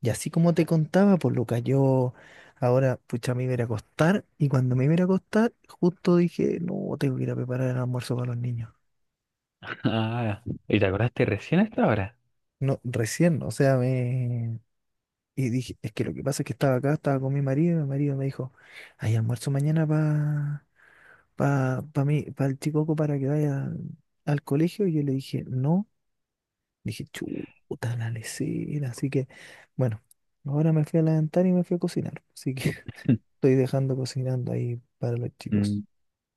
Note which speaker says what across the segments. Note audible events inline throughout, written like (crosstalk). Speaker 1: Y así como te contaba, pues Lucas, yo ahora, pucha, me iba a ir a acostar y cuando me iba a ir a acostar, justo dije, no, tengo que ir a preparar el almuerzo para los niños.
Speaker 2: Ah, ¿y te acordaste recién hasta ahora?
Speaker 1: No, recién, o sea, Y dije, es que lo que pasa es que estaba acá, estaba con mi marido y mi marido me dijo, hay almuerzo mañana para pa mí, para el chicoco para que vaya al colegio. Y yo le dije, no, dije, chuta la lesera. Así que, bueno, ahora me fui a levantar y me fui a cocinar. Así que
Speaker 2: (laughs)
Speaker 1: estoy dejando cocinando ahí para los
Speaker 2: Mm.
Speaker 1: chicos.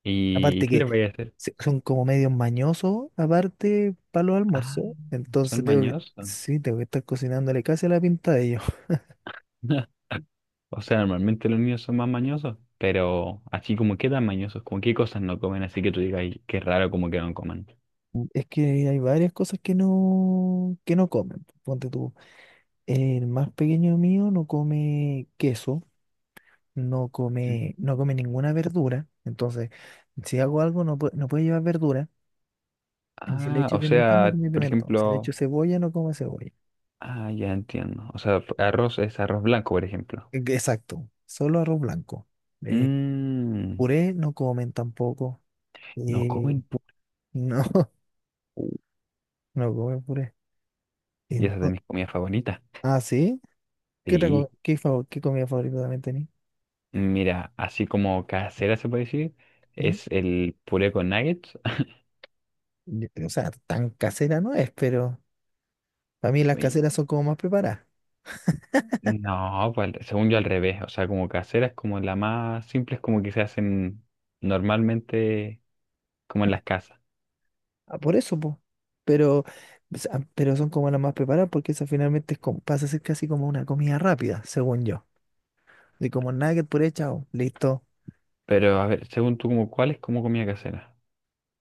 Speaker 2: ¿Y
Speaker 1: Aparte
Speaker 2: qué
Speaker 1: que
Speaker 2: les voy a hacer?
Speaker 1: son como medios mañosos, aparte para los
Speaker 2: Ah,
Speaker 1: almuerzos.
Speaker 2: son
Speaker 1: Entonces tengo que,
Speaker 2: mañosos.
Speaker 1: sí, tengo que estar cocinándole casi a la pinta de ellos. (laughs)
Speaker 2: (laughs) O sea, normalmente los niños son más mañosos, pero así como quedan mañosos, como qué cosas no comen, así que tú digas, "Ay, qué raro como que no coman."
Speaker 1: Es que hay varias cosas que no comen. Ponte tú. El más pequeño mío no come queso, no come, no come ninguna verdura. Entonces, si hago algo, no, no puede llevar verdura. Y si le
Speaker 2: Ah,
Speaker 1: echo
Speaker 2: o
Speaker 1: pimentón, no
Speaker 2: sea,
Speaker 1: come
Speaker 2: por
Speaker 1: pimentón. Si le echo
Speaker 2: ejemplo,
Speaker 1: cebolla, no come cebolla.
Speaker 2: ah, ya entiendo. O sea, arroz es arroz blanco, por ejemplo.
Speaker 1: Exacto, solo arroz blanco. Eh,
Speaker 2: Mmm,
Speaker 1: puré no comen tampoco.
Speaker 2: no
Speaker 1: Eh,
Speaker 2: comen pu-
Speaker 1: no, (laughs) no comen puré.
Speaker 2: y esa es de
Speaker 1: Ento-
Speaker 2: mis comidas favoritas.
Speaker 1: ah, ¿sí? ¿Qué,
Speaker 2: Sí.
Speaker 1: qué, qué comida favorita también tenés?
Speaker 2: Mira, así como casera se puede decir,
Speaker 1: ¿Mm?
Speaker 2: es el puré con nuggets. (laughs)
Speaker 1: O sea, tan casera no es, pero para mí las
Speaker 2: Y-
Speaker 1: caseras son como más preparadas.
Speaker 2: No, pues según yo al revés, o sea, como casera es como la más simple, es como que se hacen normalmente como en las casas.
Speaker 1: Ah, por eso, pues. Pero, o sea, pero son como las más preparadas porque esa finalmente es pasa a ser casi como una comida rápida, según yo. De como nugget, puré, chao, listo.
Speaker 2: Pero a ver, según tú, ¿como cuál es como comida casera?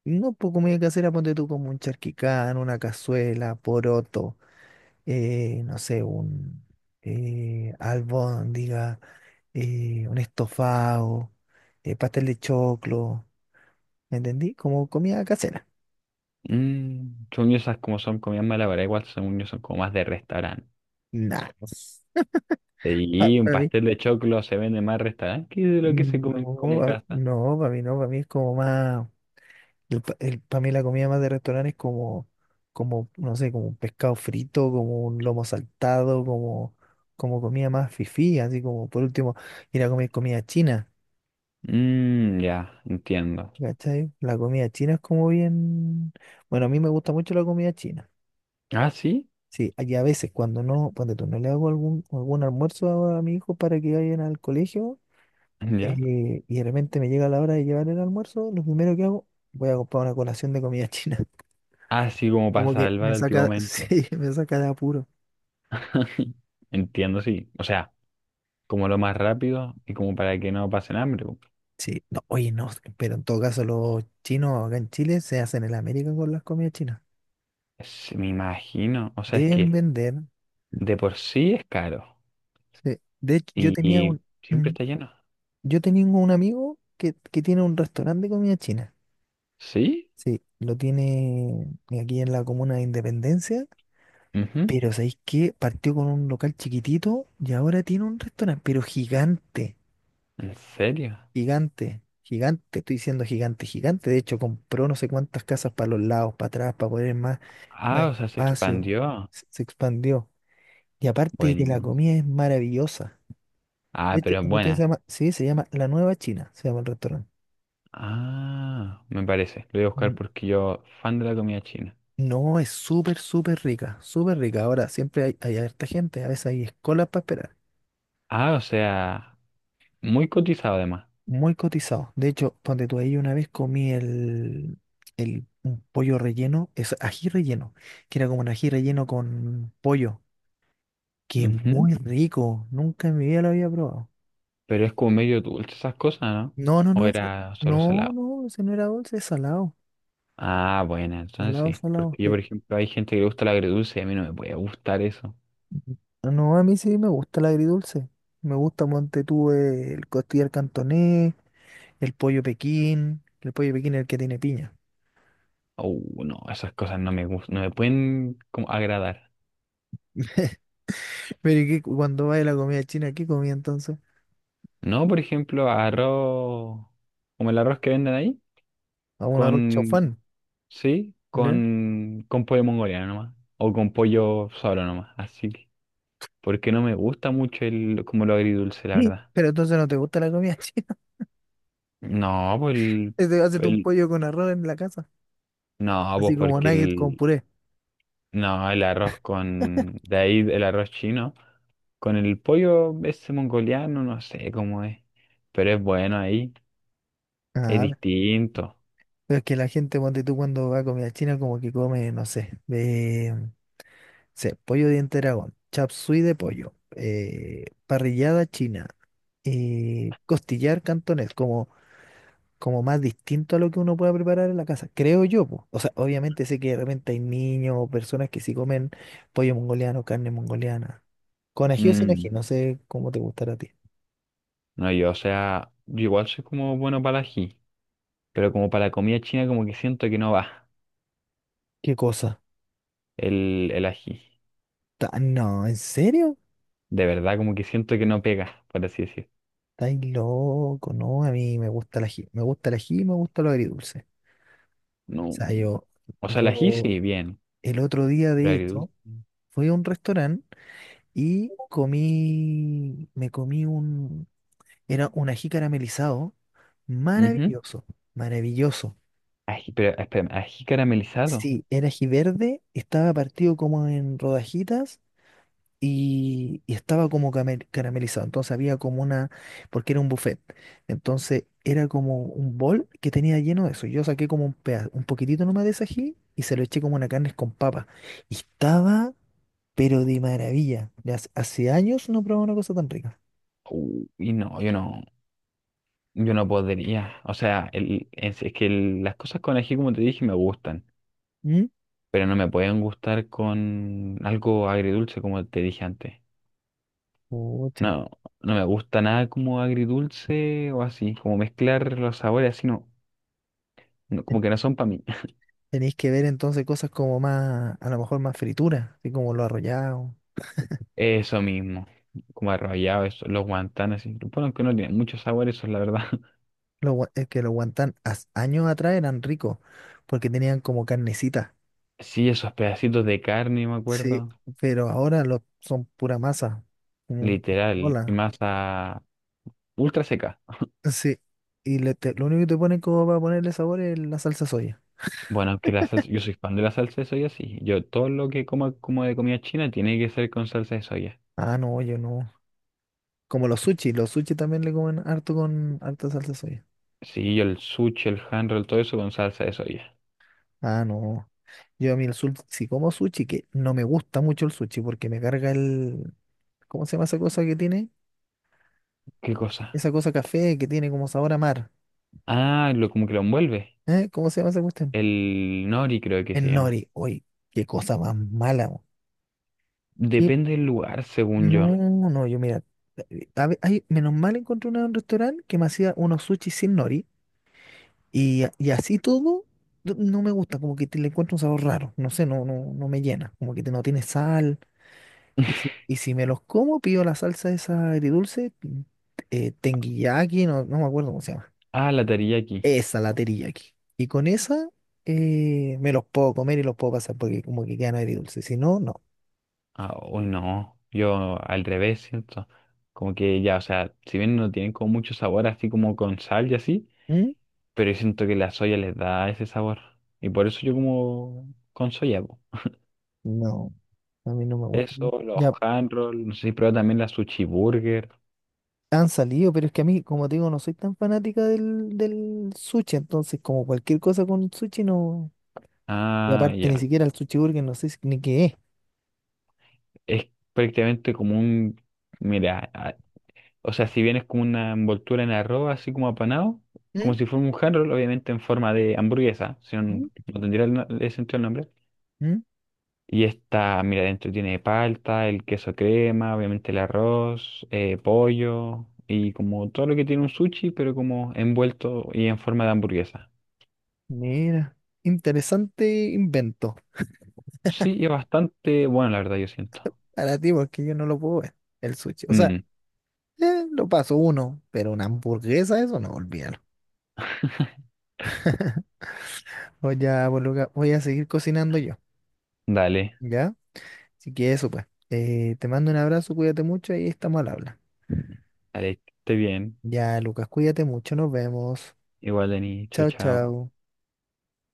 Speaker 1: No, pues comida casera, ponte tú como un charquicán, una cazuela, poroto, no sé, un albóndiga, un estofado, pastel de choclo, ¿me entendí? Como comida casera.
Speaker 2: Mm, según yo esas como son comidas malabaras, igual según yo son como más de restaurante.
Speaker 1: Nah,
Speaker 2: Y
Speaker 1: (laughs)
Speaker 2: un
Speaker 1: para mí,
Speaker 2: pastel de choclo se vende más en restaurante que de lo que se come como
Speaker 1: no,
Speaker 2: en casa.
Speaker 1: no, para mí no, para mí es como más, el, para mí la comida más de restaurante es como, como, no sé, como un pescado frito, como un lomo saltado, como, como comida más fifí, así como, por último, ir a comer comida china.
Speaker 2: Mm, ya, entiendo.
Speaker 1: ¿Cachai? La comida china es como bien. Bueno, a mí me gusta mucho la comida china.
Speaker 2: Ah, sí,
Speaker 1: Sí, y a veces cuando no, cuando tú no le hago algún, algún almuerzo a mi hijo para que vayan al colegio,
Speaker 2: ya.
Speaker 1: y de repente me llega la hora de llevar el almuerzo, lo primero que hago, voy a comprar una colación de comida china. (laughs)
Speaker 2: Así como para
Speaker 1: Como que
Speaker 2: salvar
Speaker 1: me
Speaker 2: al tío
Speaker 1: saca, (laughs)
Speaker 2: momento.
Speaker 1: sí, me saca de apuro.
Speaker 2: (laughs) Entiendo, sí. O sea, como lo más rápido y como para que no pasen hambre, po.
Speaker 1: Sí, no, oye, no, pero en todo caso los chinos acá en Chile se hacen en América con las comidas chinas.
Speaker 2: Es- me imagino. O sea, es
Speaker 1: Deben
Speaker 2: que
Speaker 1: vender.
Speaker 2: de por sí es caro
Speaker 1: Sí. De hecho, yo
Speaker 2: y,
Speaker 1: tenía un,
Speaker 2: y siempre está lleno.
Speaker 1: Yo tengo un amigo que tiene un restaurante de comida china.
Speaker 2: ¿Sí?
Speaker 1: Sí, lo tiene aquí en la comuna de Independencia.
Speaker 2: Ujú.
Speaker 1: Pero ¿sabéis qué? Partió con un local chiquitito y ahora tiene un restaurante, pero gigante,
Speaker 2: ¿En serio?
Speaker 1: gigante, gigante. Estoy diciendo gigante, gigante. De hecho, compró no sé cuántas casas para los lados, para atrás, para poner más, más
Speaker 2: Ah, o sea, se
Speaker 1: espacio.
Speaker 2: expandió.
Speaker 1: Se expandió. Y aparte de que la
Speaker 2: Bueno.
Speaker 1: comida es maravillosa.
Speaker 2: Ah,
Speaker 1: De hecho,
Speaker 2: pero es
Speaker 1: el restaurante se
Speaker 2: buena.
Speaker 1: llama, sí, se llama La Nueva China, se llama el restaurante.
Speaker 2: Ah, me parece. Lo voy a buscar porque yo, fan de la comida china.
Speaker 1: No, es súper, súper rica, súper rica. Ahora, siempre hay, hay harta gente, a veces hay escolas para esperar.
Speaker 2: Ah, o sea, muy cotizado además.
Speaker 1: Muy cotizado. De hecho, donde tú ahí una vez comí el un pollo relleno, es ají relleno, que era como un ají relleno con pollo, que es muy rico. Nunca en mi vida lo había probado.
Speaker 2: Pero es como medio dulce esas cosas, ¿no?
Speaker 1: No, no, no,
Speaker 2: ¿O
Speaker 1: ese,
Speaker 2: era solo
Speaker 1: no,
Speaker 2: salado?
Speaker 1: no, ese no era dulce, es salado.
Speaker 2: Ah, bueno, entonces
Speaker 1: Salado,
Speaker 2: sí.
Speaker 1: salado,
Speaker 2: Porque yo,
Speaker 1: sí.
Speaker 2: por ejemplo, hay gente que le gusta el agridulce y a mí no me puede gustar eso.
Speaker 1: No, a mí sí me gusta el agridulce. Me gusta, monte tú, el costillar cantonés. El pollo Pekín es el que tiene piña.
Speaker 2: No, esas cosas no me gustan, no me pueden como agradar.
Speaker 1: (laughs) Pero ¿y cuando va a la comida china, ¿qué comía entonces?
Speaker 2: No, por ejemplo, arroz, como el arroz que venden ahí,
Speaker 1: A un arroz
Speaker 2: con,
Speaker 1: chaufán,
Speaker 2: sí,
Speaker 1: ya.
Speaker 2: con pollo mongoliano nomás, o con pollo solo nomás, así que, porque no me gusta mucho el, como lo agridulce, la
Speaker 1: Sí.
Speaker 2: verdad.
Speaker 1: Pero entonces no te gusta la comida (laughs) china.
Speaker 2: No, pues el,
Speaker 1: Te haces tú un
Speaker 2: el-
Speaker 1: pollo con arroz en la casa,
Speaker 2: no, pues
Speaker 1: así como
Speaker 2: porque
Speaker 1: nugget con
Speaker 2: el,
Speaker 1: puré.
Speaker 2: no, el arroz con... De ahí el arroz chino. Con el pollo ese mongoliano, no sé cómo es. Pero es bueno ahí. Es
Speaker 1: Ah,
Speaker 2: distinto.
Speaker 1: pero es que la gente, ponte tú, cuando va a comida china, como que come, no sé, de, sé, pollo diente de dragón, chop suey de pollo, parrillada china, costillar cantonés, como como más distinto a lo que uno pueda preparar en la casa, creo yo, po. O sea, obviamente sé que de repente hay niños o personas que sí comen pollo mongoliano, carne mongoliana. Con ají o sin ají,
Speaker 2: Mm,
Speaker 1: no sé cómo te gustará a ti.
Speaker 2: no, yo, o sea, yo igual soy como bueno para el ají. Pero como para la comida china como que siento que no va
Speaker 1: ¿Qué cosa?
Speaker 2: el ají.
Speaker 1: No, ¿en serio?
Speaker 2: De verdad, como que siento que no pega, por así decir.
Speaker 1: Estáis loco, no, a mí me gusta el ají, me gusta el ají y me gusta lo agridulce. O
Speaker 2: No.
Speaker 1: sea, yo,
Speaker 2: O sea, el ají
Speaker 1: yo
Speaker 2: sí, bien.
Speaker 1: el otro día,
Speaker 2: Pero
Speaker 1: de hecho,
Speaker 2: agridulce.
Speaker 1: fui a un restaurante y comí, me comí un era un ají caramelizado,
Speaker 2: Ujú.
Speaker 1: maravilloso, maravilloso.
Speaker 2: Ají, pero espérame, ají caramelizado.
Speaker 1: Sí, era ají verde, estaba partido como en rodajitas y estaba como caramelizado. Entonces había como una, porque era un buffet. Entonces era como un bol que tenía lleno de eso. Yo saqué como un un poquitito nomás de ese ají y se lo eché como una carne con papa. Y estaba, pero de maravilla. Hace años no probaba una cosa tan rica.
Speaker 2: Uy, no, yo no. Yo no podría, o sea, es que las cosas con ají, como te dije, me gustan,
Speaker 1: ¿Mm?
Speaker 2: pero no me pueden gustar con algo agridulce, como te dije antes.
Speaker 1: Pucha.
Speaker 2: No, no me gusta nada como agridulce o así, como mezclar los sabores así, no, no, como que no son para mí.
Speaker 1: Tenéis que ver entonces cosas como más, a lo mejor más frituras, así como los arrollados.
Speaker 2: (laughs) Eso mismo, como arrollado, eso, los guantanes, así. Bueno, que no tienen muchos sabores, eso es la verdad. (laughs)
Speaker 1: Los, es que los guantán años atrás eran ricos, porque tenían como carnecita.
Speaker 2: Sí, esos pedacitos de carne, me
Speaker 1: Sí,
Speaker 2: acuerdo,
Speaker 1: pero ahora los, son pura masa. Como,
Speaker 2: literal, y
Speaker 1: hola.
Speaker 2: masa ultra seca.
Speaker 1: Sí. Y lo único que te ponen como para ponerle sabor es la salsa soya.
Speaker 2: Bueno, que la salsa, yo soy fan de la salsa de soya, sí. Yo todo lo que como como de comida china tiene que ser con salsa de soya.
Speaker 1: Ah, no, yo no. Como los sushi también le comen harto con harta salsa soya.
Speaker 2: Sí, yo el sushi, el hand roll, todo eso con salsa de soya.
Speaker 1: Ah, no. Yo a mí el sushi, si como sushi, que no me gusta mucho el sushi porque me carga el, ¿cómo se llama esa cosa que tiene?
Speaker 2: ¿Qué cosa?
Speaker 1: Esa cosa café que tiene como sabor a mar.
Speaker 2: Ah, lo como que lo envuelve.
Speaker 1: ¿Eh? ¿Cómo se llama esa cuestión?
Speaker 2: El nori creo que se
Speaker 1: El
Speaker 2: llama.
Speaker 1: nori. Oye, qué cosa más mala. Mo. ¿Qué?
Speaker 2: Depende del lugar, según yo.
Speaker 1: No, no, yo mira. Ay, menos mal encontré una en un restaurante que me hacía unos sushi sin nori. Y, y así todo, no me gusta. Como que le encuentro un sabor raro. No sé, no, no, no me llena. Como que no tiene sal. Y si me los como, pido la salsa esa agridulce. No, no me acuerdo cómo se llama.
Speaker 2: Ah, la teriyaki.
Speaker 1: Esa la teriyaki. Y con esa me los puedo comer y los puedo pasar porque como que quedan agridulces. Si no, no.
Speaker 2: Ah, uy, no. Yo al revés siento. Como que ya, o sea, si bien no tienen como mucho sabor así como con sal y así,
Speaker 1: ¿Mm?
Speaker 2: pero yo siento que la soya les da ese sabor. Y por eso yo como con soya, po.
Speaker 1: No, a mí no me gusta mucho.
Speaker 2: Eso, los
Speaker 1: Ya
Speaker 2: handrolls, no sé si prueba también la sushi burger.
Speaker 1: han salido, pero es que a mí, como te digo, no soy tan fanática del sushi. Entonces, como cualquier cosa con sushi, no. Y
Speaker 2: Ah,
Speaker 1: aparte, ni
Speaker 2: ya.
Speaker 1: siquiera el sushi burger, no sé ni qué es.
Speaker 2: Es prácticamente como un, mira, ah, o sea, si bien es como una envoltura en arroz, así como apanado, como
Speaker 1: ¿Mm?
Speaker 2: si fuera un handroll, obviamente en forma de hamburguesa, si no,
Speaker 1: ¿Mm?
Speaker 2: no tendría el, no- el sentido el nombre.
Speaker 1: ¿Mm?
Speaker 2: Y esta, mira, dentro tiene palta, el queso crema, obviamente el arroz, pollo y como todo lo que tiene un sushi, pero como envuelto y en forma de hamburguesa.
Speaker 1: Mira, interesante invento
Speaker 2: Sí, y bastante bueno, la verdad, yo siento.
Speaker 1: para ti, porque yo no lo puedo ver, el sushi. O sea,
Speaker 2: Mm.
Speaker 1: lo paso uno, pero una hamburguesa, eso no, olvídalo.
Speaker 2: (laughs)
Speaker 1: Pues ya, pues Luca, voy a seguir cocinando yo,
Speaker 2: Dale,
Speaker 1: ¿ya? Así que eso, pues. Te mando un abrazo, cuídate mucho y estamos al habla.
Speaker 2: dale, que esté bien.
Speaker 1: Ya, Lucas, cuídate mucho, nos vemos.
Speaker 2: Igual, Dani, chao,
Speaker 1: Chao,
Speaker 2: chao.
Speaker 1: chao.